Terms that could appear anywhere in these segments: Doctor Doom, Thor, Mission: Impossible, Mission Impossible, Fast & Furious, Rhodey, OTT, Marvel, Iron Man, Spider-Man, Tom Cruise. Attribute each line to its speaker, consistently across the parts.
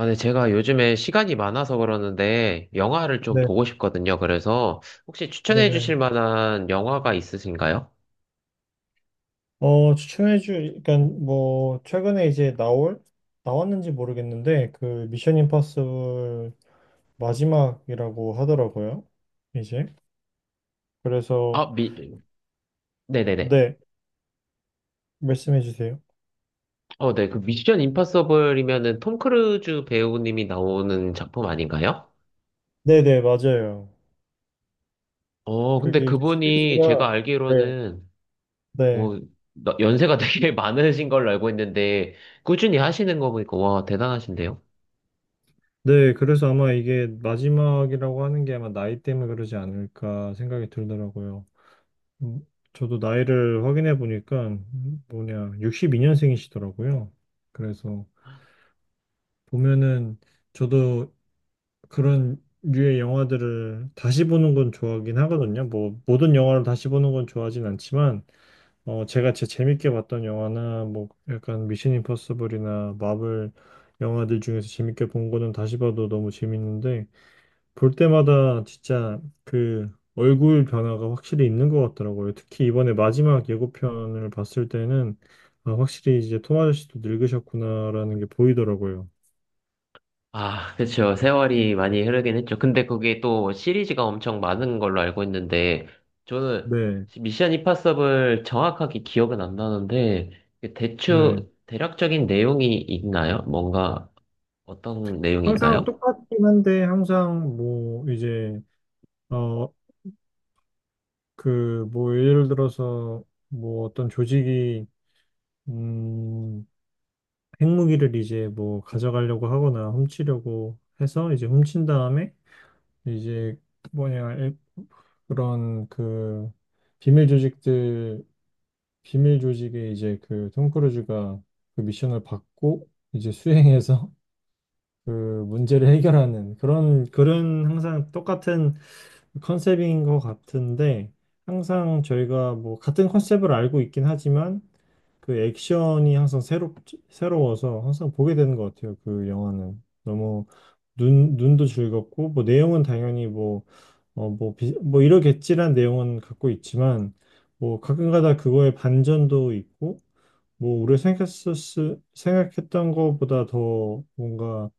Speaker 1: 아, 네, 제가 요즘에 시간이 많아서 그러는데 영화를 좀
Speaker 2: 네,
Speaker 1: 보고 싶거든요. 그래서 혹시 추천해
Speaker 2: 네네.
Speaker 1: 주실 만한 영화가 있으신가요?
Speaker 2: 어, 추천해주, 그러니까 뭐 최근에 이제 나올 나왔는지 모르겠는데 그 미션 임파서블 마지막이라고 하더라고요. 이제 그래서
Speaker 1: 아, 미, 네네네.
Speaker 2: 네 말씀해 주세요.
Speaker 1: 네, 그 미션 임파서블이면은 톰 크루즈 배우님이 나오는 작품 아닌가요?
Speaker 2: 네네 맞아요.
Speaker 1: 어, 근데
Speaker 2: 그게 이제
Speaker 1: 그분이 제가
Speaker 2: 시리즈가 네,
Speaker 1: 알기로는
Speaker 2: 네,
Speaker 1: 어, 연세가 되게 많으신 걸로 알고 있는데 꾸준히 하시는 거 보니까 와, 대단하신데요?
Speaker 2: 네. 그래서 아마 이게 마지막이라고 하는 게 아마 나이 때문에 그러지 않을까 생각이 들더라고요. 음, 저도 나이를 확인해 보니까 뭐냐 62년생이시더라고요. 그래서 보면은 저도 그런 류의 영화들을 다시 보는 건 좋아하긴 하거든요. 뭐 모든 영화를 다시 보는 건 좋아하진 않지만 제가 제 재밌게 봤던 영화나 뭐 약간 미션 임퍼서블이나 마블 영화들 중에서 재밌게 본 거는 다시 봐도 너무 재밌는데 볼 때마다 진짜 그 얼굴 변화가 확실히 있는 것 같더라고요. 특히 이번에 마지막 예고편을 봤을 때는 아, 확실히 이제 톰 아저씨도 늙으셨구나라는 게 보이더라고요.
Speaker 1: 아, 그쵸. 세월이 많이 흐르긴 했죠. 근데 그게 또 시리즈가 엄청 많은 걸로 알고 있는데, 저는
Speaker 2: 네.
Speaker 1: 미션 임파서블 정확하게 기억은 안 나는데,
Speaker 2: 네.
Speaker 1: 대충, 대략적인 내용이 있나요? 뭔가, 어떤
Speaker 2: 항상
Speaker 1: 내용인가요?
Speaker 2: 똑같긴 한데 항상 뭐 이제 어 그 뭐 예를 들어서 뭐 어떤 조직이 음 핵무기를 이제 뭐 가져가려고 하거나 훔치려고 해서 이제 훔친 다음에 이제 뭐냐 그런 비밀 조직들 비밀 조직에 이제 그 톰 크루즈가 그 미션을 받고 이제 수행해서 그 문제를 해결하는 그런 항상 똑같은 컨셉인 것 같은데 항상 저희가 뭐 같은 컨셉을 알고 있긴 하지만 그 액션이 항상 새롭 새로워서 항상 보게 되는 것 같아요. 그 영화는 너무 눈 눈도 즐겁고 뭐 내용은 당연히 뭐 뭐, 뭐, 이러겠지란 내용은 갖고 있지만, 뭐, 가끔가다 그거의 반전도 있고, 뭐, 생각했던 것보다 더 뭔가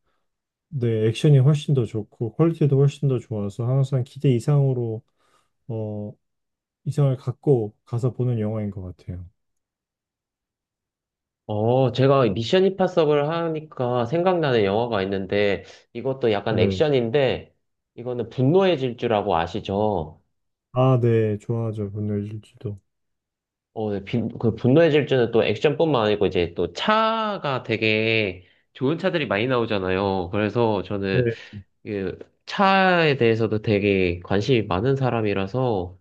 Speaker 2: 네, 액션이 훨씬 더 좋고 퀄리티도 훨씬 더 좋아서 항상 기대 이상으로 어 이상을 갖고 가서 보는 영화인 것 같아요.
Speaker 1: 제가 미션 임파서블 하니까 생각나는 영화가 있는데, 이것도 약간
Speaker 2: 네.
Speaker 1: 액션인데, 이거는 분노의 질주라고 아시죠?
Speaker 2: 아, 네, 좋아하죠. 분노의 질주도.
Speaker 1: 네, 그 분노의 질주는 또 액션뿐만 아니고 이제 또 차가 되게 좋은 차들이 많이 나오잖아요. 그래서 저는
Speaker 2: 네.
Speaker 1: 그 차에 대해서도 되게 관심이 많은 사람이라서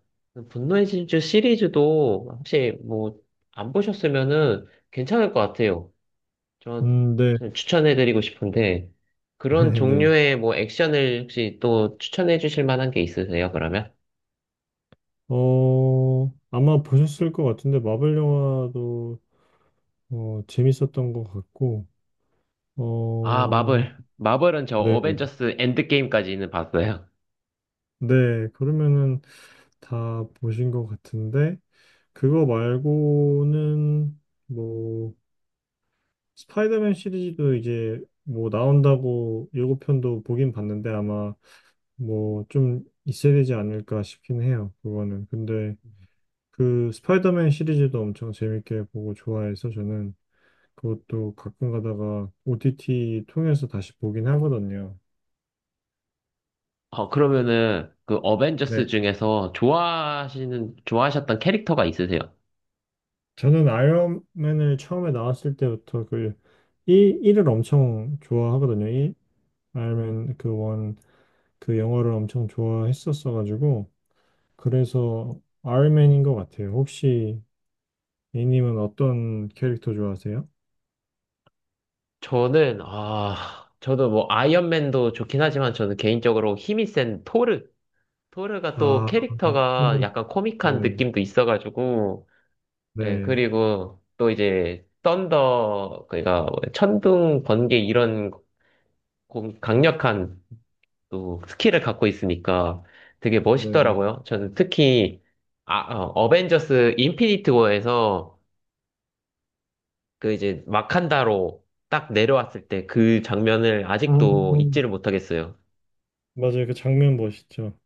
Speaker 1: 분노의 질주 시리즈도 혹시 뭐 안 보셨으면은 괜찮을 것 같아요.
Speaker 2: 네,
Speaker 1: 저는 추천해드리고 싶은데 그런
Speaker 2: 네, 네.
Speaker 1: 종류의 뭐 액션을 혹시 또 추천해 주실 만한 게 있으세요, 그러면?
Speaker 2: 어 아마 보셨을 것 같은데 마블 영화도 재밌었던 것 같고
Speaker 1: 아,
Speaker 2: 어
Speaker 1: 마블. 마블은 저
Speaker 2: 네,
Speaker 1: 어벤져스 엔드게임까지는 봤어요.
Speaker 2: 네. 그러면은 다 보신 것 같은데 그거 말고는 뭐 스파이더맨 시리즈도 이제 뭐 나온다고 예고편도 보긴 봤는데 아마 뭐 좀 있어야 되지 않을까 싶긴 해요. 그거는. 근데 그 스파이더맨 시리즈도 엄청 재밌게 보고 좋아해서 저는 그것도 가끔 가다가 OTT 통해서 다시 보긴 하거든요.
Speaker 1: 어, 그러면은 그
Speaker 2: 네.
Speaker 1: 어벤져스 중에서 좋아하시는, 좋아하셨던 캐릭터가 있으세요?
Speaker 2: 저는 아이언맨을 처음에 나왔을 때부터 그 1, 일을 엄청 좋아하거든요. 1, 아이언맨 그 원 그 영화를 엄청 좋아했었어가지고 그래서 아이언맨인 것 같아요. 혹시 A님은 어떤 캐릭터 좋아하세요?
Speaker 1: 저는, 아, 저도 뭐, 아이언맨도 좋긴 하지만 저는 개인적으로 힘이 센 토르. 토르가 또
Speaker 2: 아,
Speaker 1: 캐릭터가
Speaker 2: 그-
Speaker 1: 약간
Speaker 2: 네,
Speaker 1: 코믹한 느낌도 있어가지고, 예,
Speaker 2: 네,
Speaker 1: 그리고 또 이제, 썬더, 그니까, 뭐 천둥, 번개 이런 강력한 또 스킬을 갖고 있으니까 되게
Speaker 2: 네, 네.
Speaker 1: 멋있더라고요. 저는 특히, 어벤져스 인피니트 워에서 그 이제 마칸다로 딱 내려왔을 때 그 장면을 아직도
Speaker 2: 아,
Speaker 1: 잊지를 못하겠어요.
Speaker 2: 맞아요. 그 장면 멋있죠.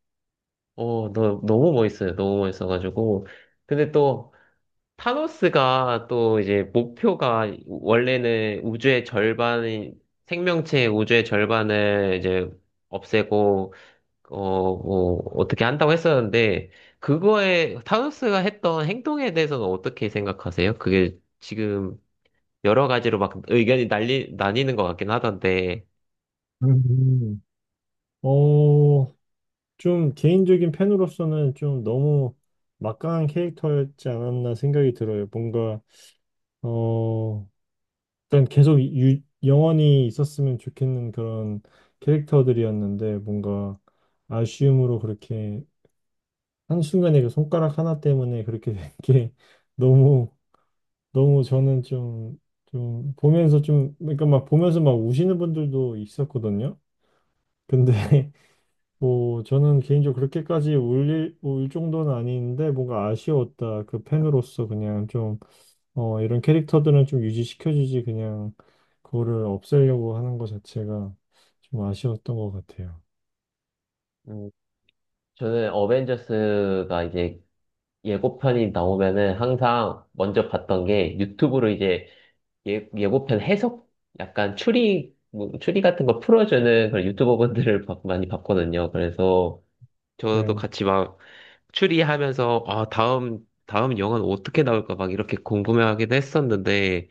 Speaker 1: 너무 멋있어요. 너무 멋있어가지고. 근데 또 타노스가 또 이제 목표가 원래는 우주의 절반이 생명체의 우주의 절반을 이제 없애고 어, 뭐 어떻게 한다고 했었는데 그거에 타노스가 했던 행동에 대해서는 어떻게 생각하세요? 그게 지금 여러 가지로 막 의견이 나뉘는 것 같긴 하던데,
Speaker 2: 음. 어, 좀 개인적인 팬으로서는 좀 너무 막강한 캐릭터였지 않았나 생각이 들어요. 뭔가, 어, 일단 계속 영원히 있었으면 좋겠는 그런 캐릭터들이었는데, 뭔가 아쉬움으로 그렇게 한순간에 그 손가락 하나 때문에 그렇게 된 게 너무 너무 저는 좀 보면서 좀 그러니까 막 보면서 막 우시는 분들도 있었거든요. 근데 뭐 저는 개인적으로 그렇게까지 울릴 울 정도는 아닌데 뭔가 아쉬웠다. 그 팬으로서 그냥 좀 이런 캐릭터들은 좀 유지시켜주지 그냥 그거를 없애려고 하는 것 자체가 좀 아쉬웠던 것 같아요.
Speaker 1: 음, 저는 어벤져스가 이제 예고편이 나오면은 항상 먼저 봤던 게 유튜브로 이제 예, 예고편 해석, 약간 추리, 뭐, 추리 같은 거 풀어주는 그런 많이 봤거든요. 그래서 저도
Speaker 2: 네,
Speaker 1: 같이 막 추리하면서, 아, 다음 영화는 어떻게 나올까 막 이렇게 궁금해하기도 했었는데,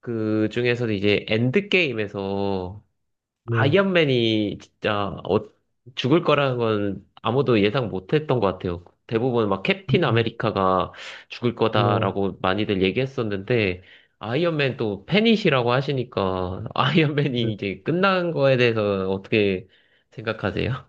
Speaker 1: 그 중에서도 이제 엔드게임에서
Speaker 2: 네,
Speaker 1: 아이언맨이 진짜 죽을 거라는 건 아무도 예상 못 했던 것 같아요. 대부분 막 캡틴 아메리카가 죽을
Speaker 2: 네,
Speaker 1: 거다라고 많이들 얘기했었는데, 아이언맨 또 팬이시라고 하시니까,
Speaker 2: 네.
Speaker 1: 아이언맨이 이제 끝난 거에 대해서 어떻게 생각하세요?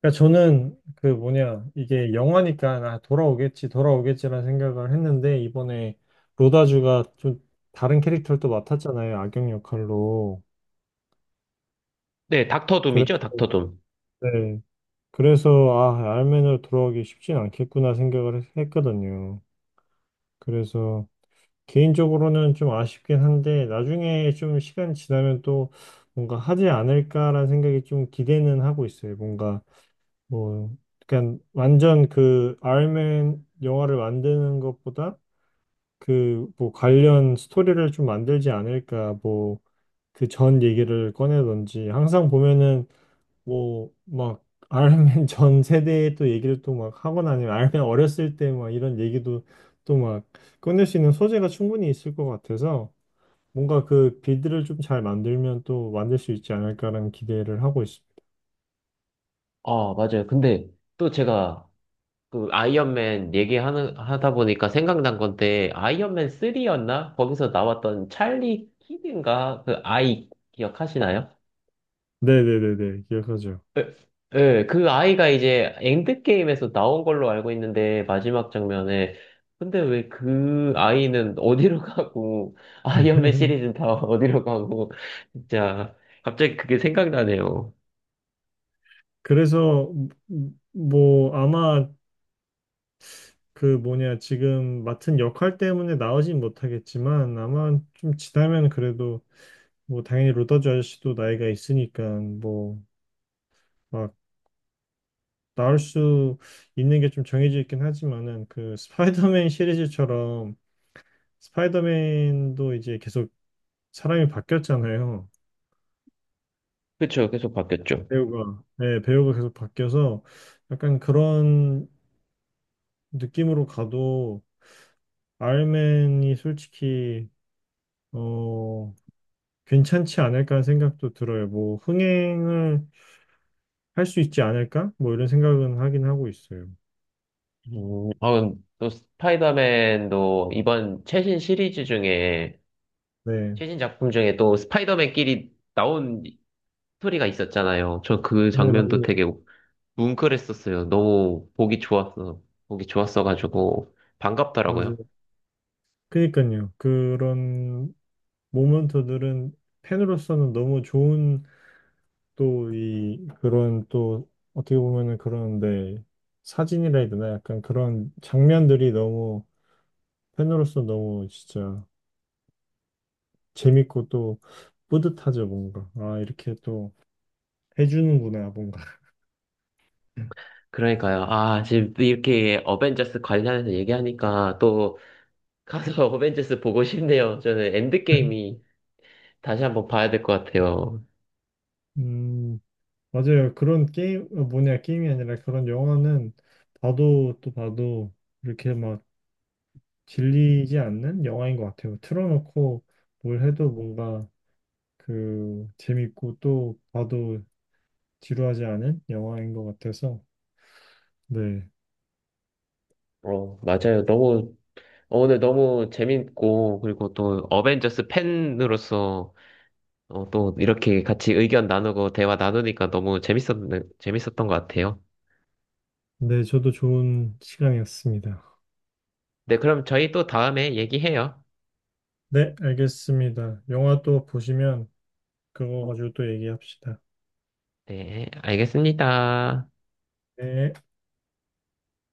Speaker 2: 그러니까 저는 그 뭐냐 이게 영화니까 아, 돌아오겠지 돌아오겠지라는 생각을 했는데 이번에 로다주가 좀 다른 캐릭터를 또 맡았잖아요 악역 역할로.
Speaker 1: 네, 닥터
Speaker 2: 그래서
Speaker 1: 둠이죠, 닥터 둠.
Speaker 2: 네 그래서 아 알맨으로 돌아오기 쉽진 않겠구나 생각을 했거든요. 그래서 개인적으로는 좀 아쉽긴 한데 나중에 좀 시간이 지나면 또 뭔가 하지 않을까라는 생각이 좀 기대는 하고 있어요 뭔가. 뭐, 그러니까 완전 그 아이언맨 영화를 만드는 것보다 그 뭐 관련 스토리를 좀 만들지 않을까 뭐 그 전 얘기를 꺼내던지 항상 보면은 뭐 막 아이언맨 전 세대의 또 얘기를 또 막 하거나 아니면 아이언맨 어렸을 때 막 이런 얘기도 또 막 꺼낼 수 있는 소재가 충분히 있을 것 같아서 뭔가 그 빌드를 좀 잘 만들면 또 만들 수 있지 않을까라는 기대를 하고 있습니다.
Speaker 1: 아, 맞아요. 근데 또 제가 그 아이언맨 얘기하는 하다 보니까 생각난 건데 아이언맨 3였나? 거기서 나왔던 찰리 키드인가? 그 아이 기억하시나요?
Speaker 2: 네네네네 기억하죠.
Speaker 1: 예, 예, 그 아이가 이제 엔드게임에서 나온 걸로 알고 있는데 마지막 장면에 근데 왜 그 아이는 어디로 가고 아이언맨 시리즈는 다 어디로 가고 진짜 갑자기 그게 생각나네요.
Speaker 2: 그래서 뭐 아마 그 뭐냐 지금 맡은 역할 때문에 나오진 못하겠지만 아마 좀 지나면 그래도 뭐 당연히 로더즈 아저씨도 나이가 있으니까 뭐 막 나올 수 있는 게 좀 정해져 있긴 하지만은 그 스파이더맨 시리즈처럼 스파이더맨도 이제 계속 사람이 바뀌었잖아요.
Speaker 1: 그쵸, 계속 바뀌었죠.
Speaker 2: 배우가. 네, 배우가 계속 바뀌어서 약간 그런 느낌으로 가도 아이언맨이 솔직히 어, 괜찮지 않을까 하는 생각도 들어요. 뭐, 흥행을 할 수 있지 않을까? 뭐, 이런 생각은 하긴 하고 있어요.
Speaker 1: 또 스파이더맨도 이번 최신 시리즈 중에
Speaker 2: 네.
Speaker 1: 최신 작품 중에 또 스파이더맨끼리 나온 스토리가 있었잖아요. 저 그
Speaker 2: 네,
Speaker 1: 장면도
Speaker 2: 맞아요.
Speaker 1: 되게 뭉클했었어요. 너무 보기 좋았어. 보기 좋았어가지고
Speaker 2: 맞아요.
Speaker 1: 반갑더라고요.
Speaker 2: 그니까요. 그런 모먼트들은 팬으로서는 너무 좋은 또 그런 또 어떻게 보면은 그런데 사진이라 해야 되나? 약간 그런 장면들이 너무 팬으로서 너무 진짜 재밌고 또 뿌듯하죠, 뭔가. 아, 이렇게 또 해주는구나, 뭔가.
Speaker 1: 그러니까요. 아, 지금 또 이렇게 어벤져스 관련해서 얘기하니까 또 가서 어벤져스 보고 싶네요. 저는 엔드게임이 다시 한번 봐야 될 것 같아요.
Speaker 2: 음, 맞아요. 그런 게임, 뭐냐, 게임이 아니라 그런 영화는 봐도 또 봐도 이렇게 막 질리지 않는 영화인 것 같아요. 틀어놓고 뭘 해도 뭔가 그 재밌고 또 봐도 지루하지 않은 영화인 것 같아서. 네.
Speaker 1: 어, 맞아요. 너무, 오늘 너무 재밌고, 그리고 또 어벤져스 팬으로서 어, 또 이렇게 같이 의견 나누고 대화 나누니까 너무 재밌었던 것 같아요.
Speaker 2: 네, 저도 좋은 시간이었습니다.
Speaker 1: 네, 그럼 저희 또 다음에 얘기해요.
Speaker 2: 네, 알겠습니다. 영화 또 보시면 그거 가지고 또 얘기합시다.
Speaker 1: 네, 알겠습니다.
Speaker 2: 네.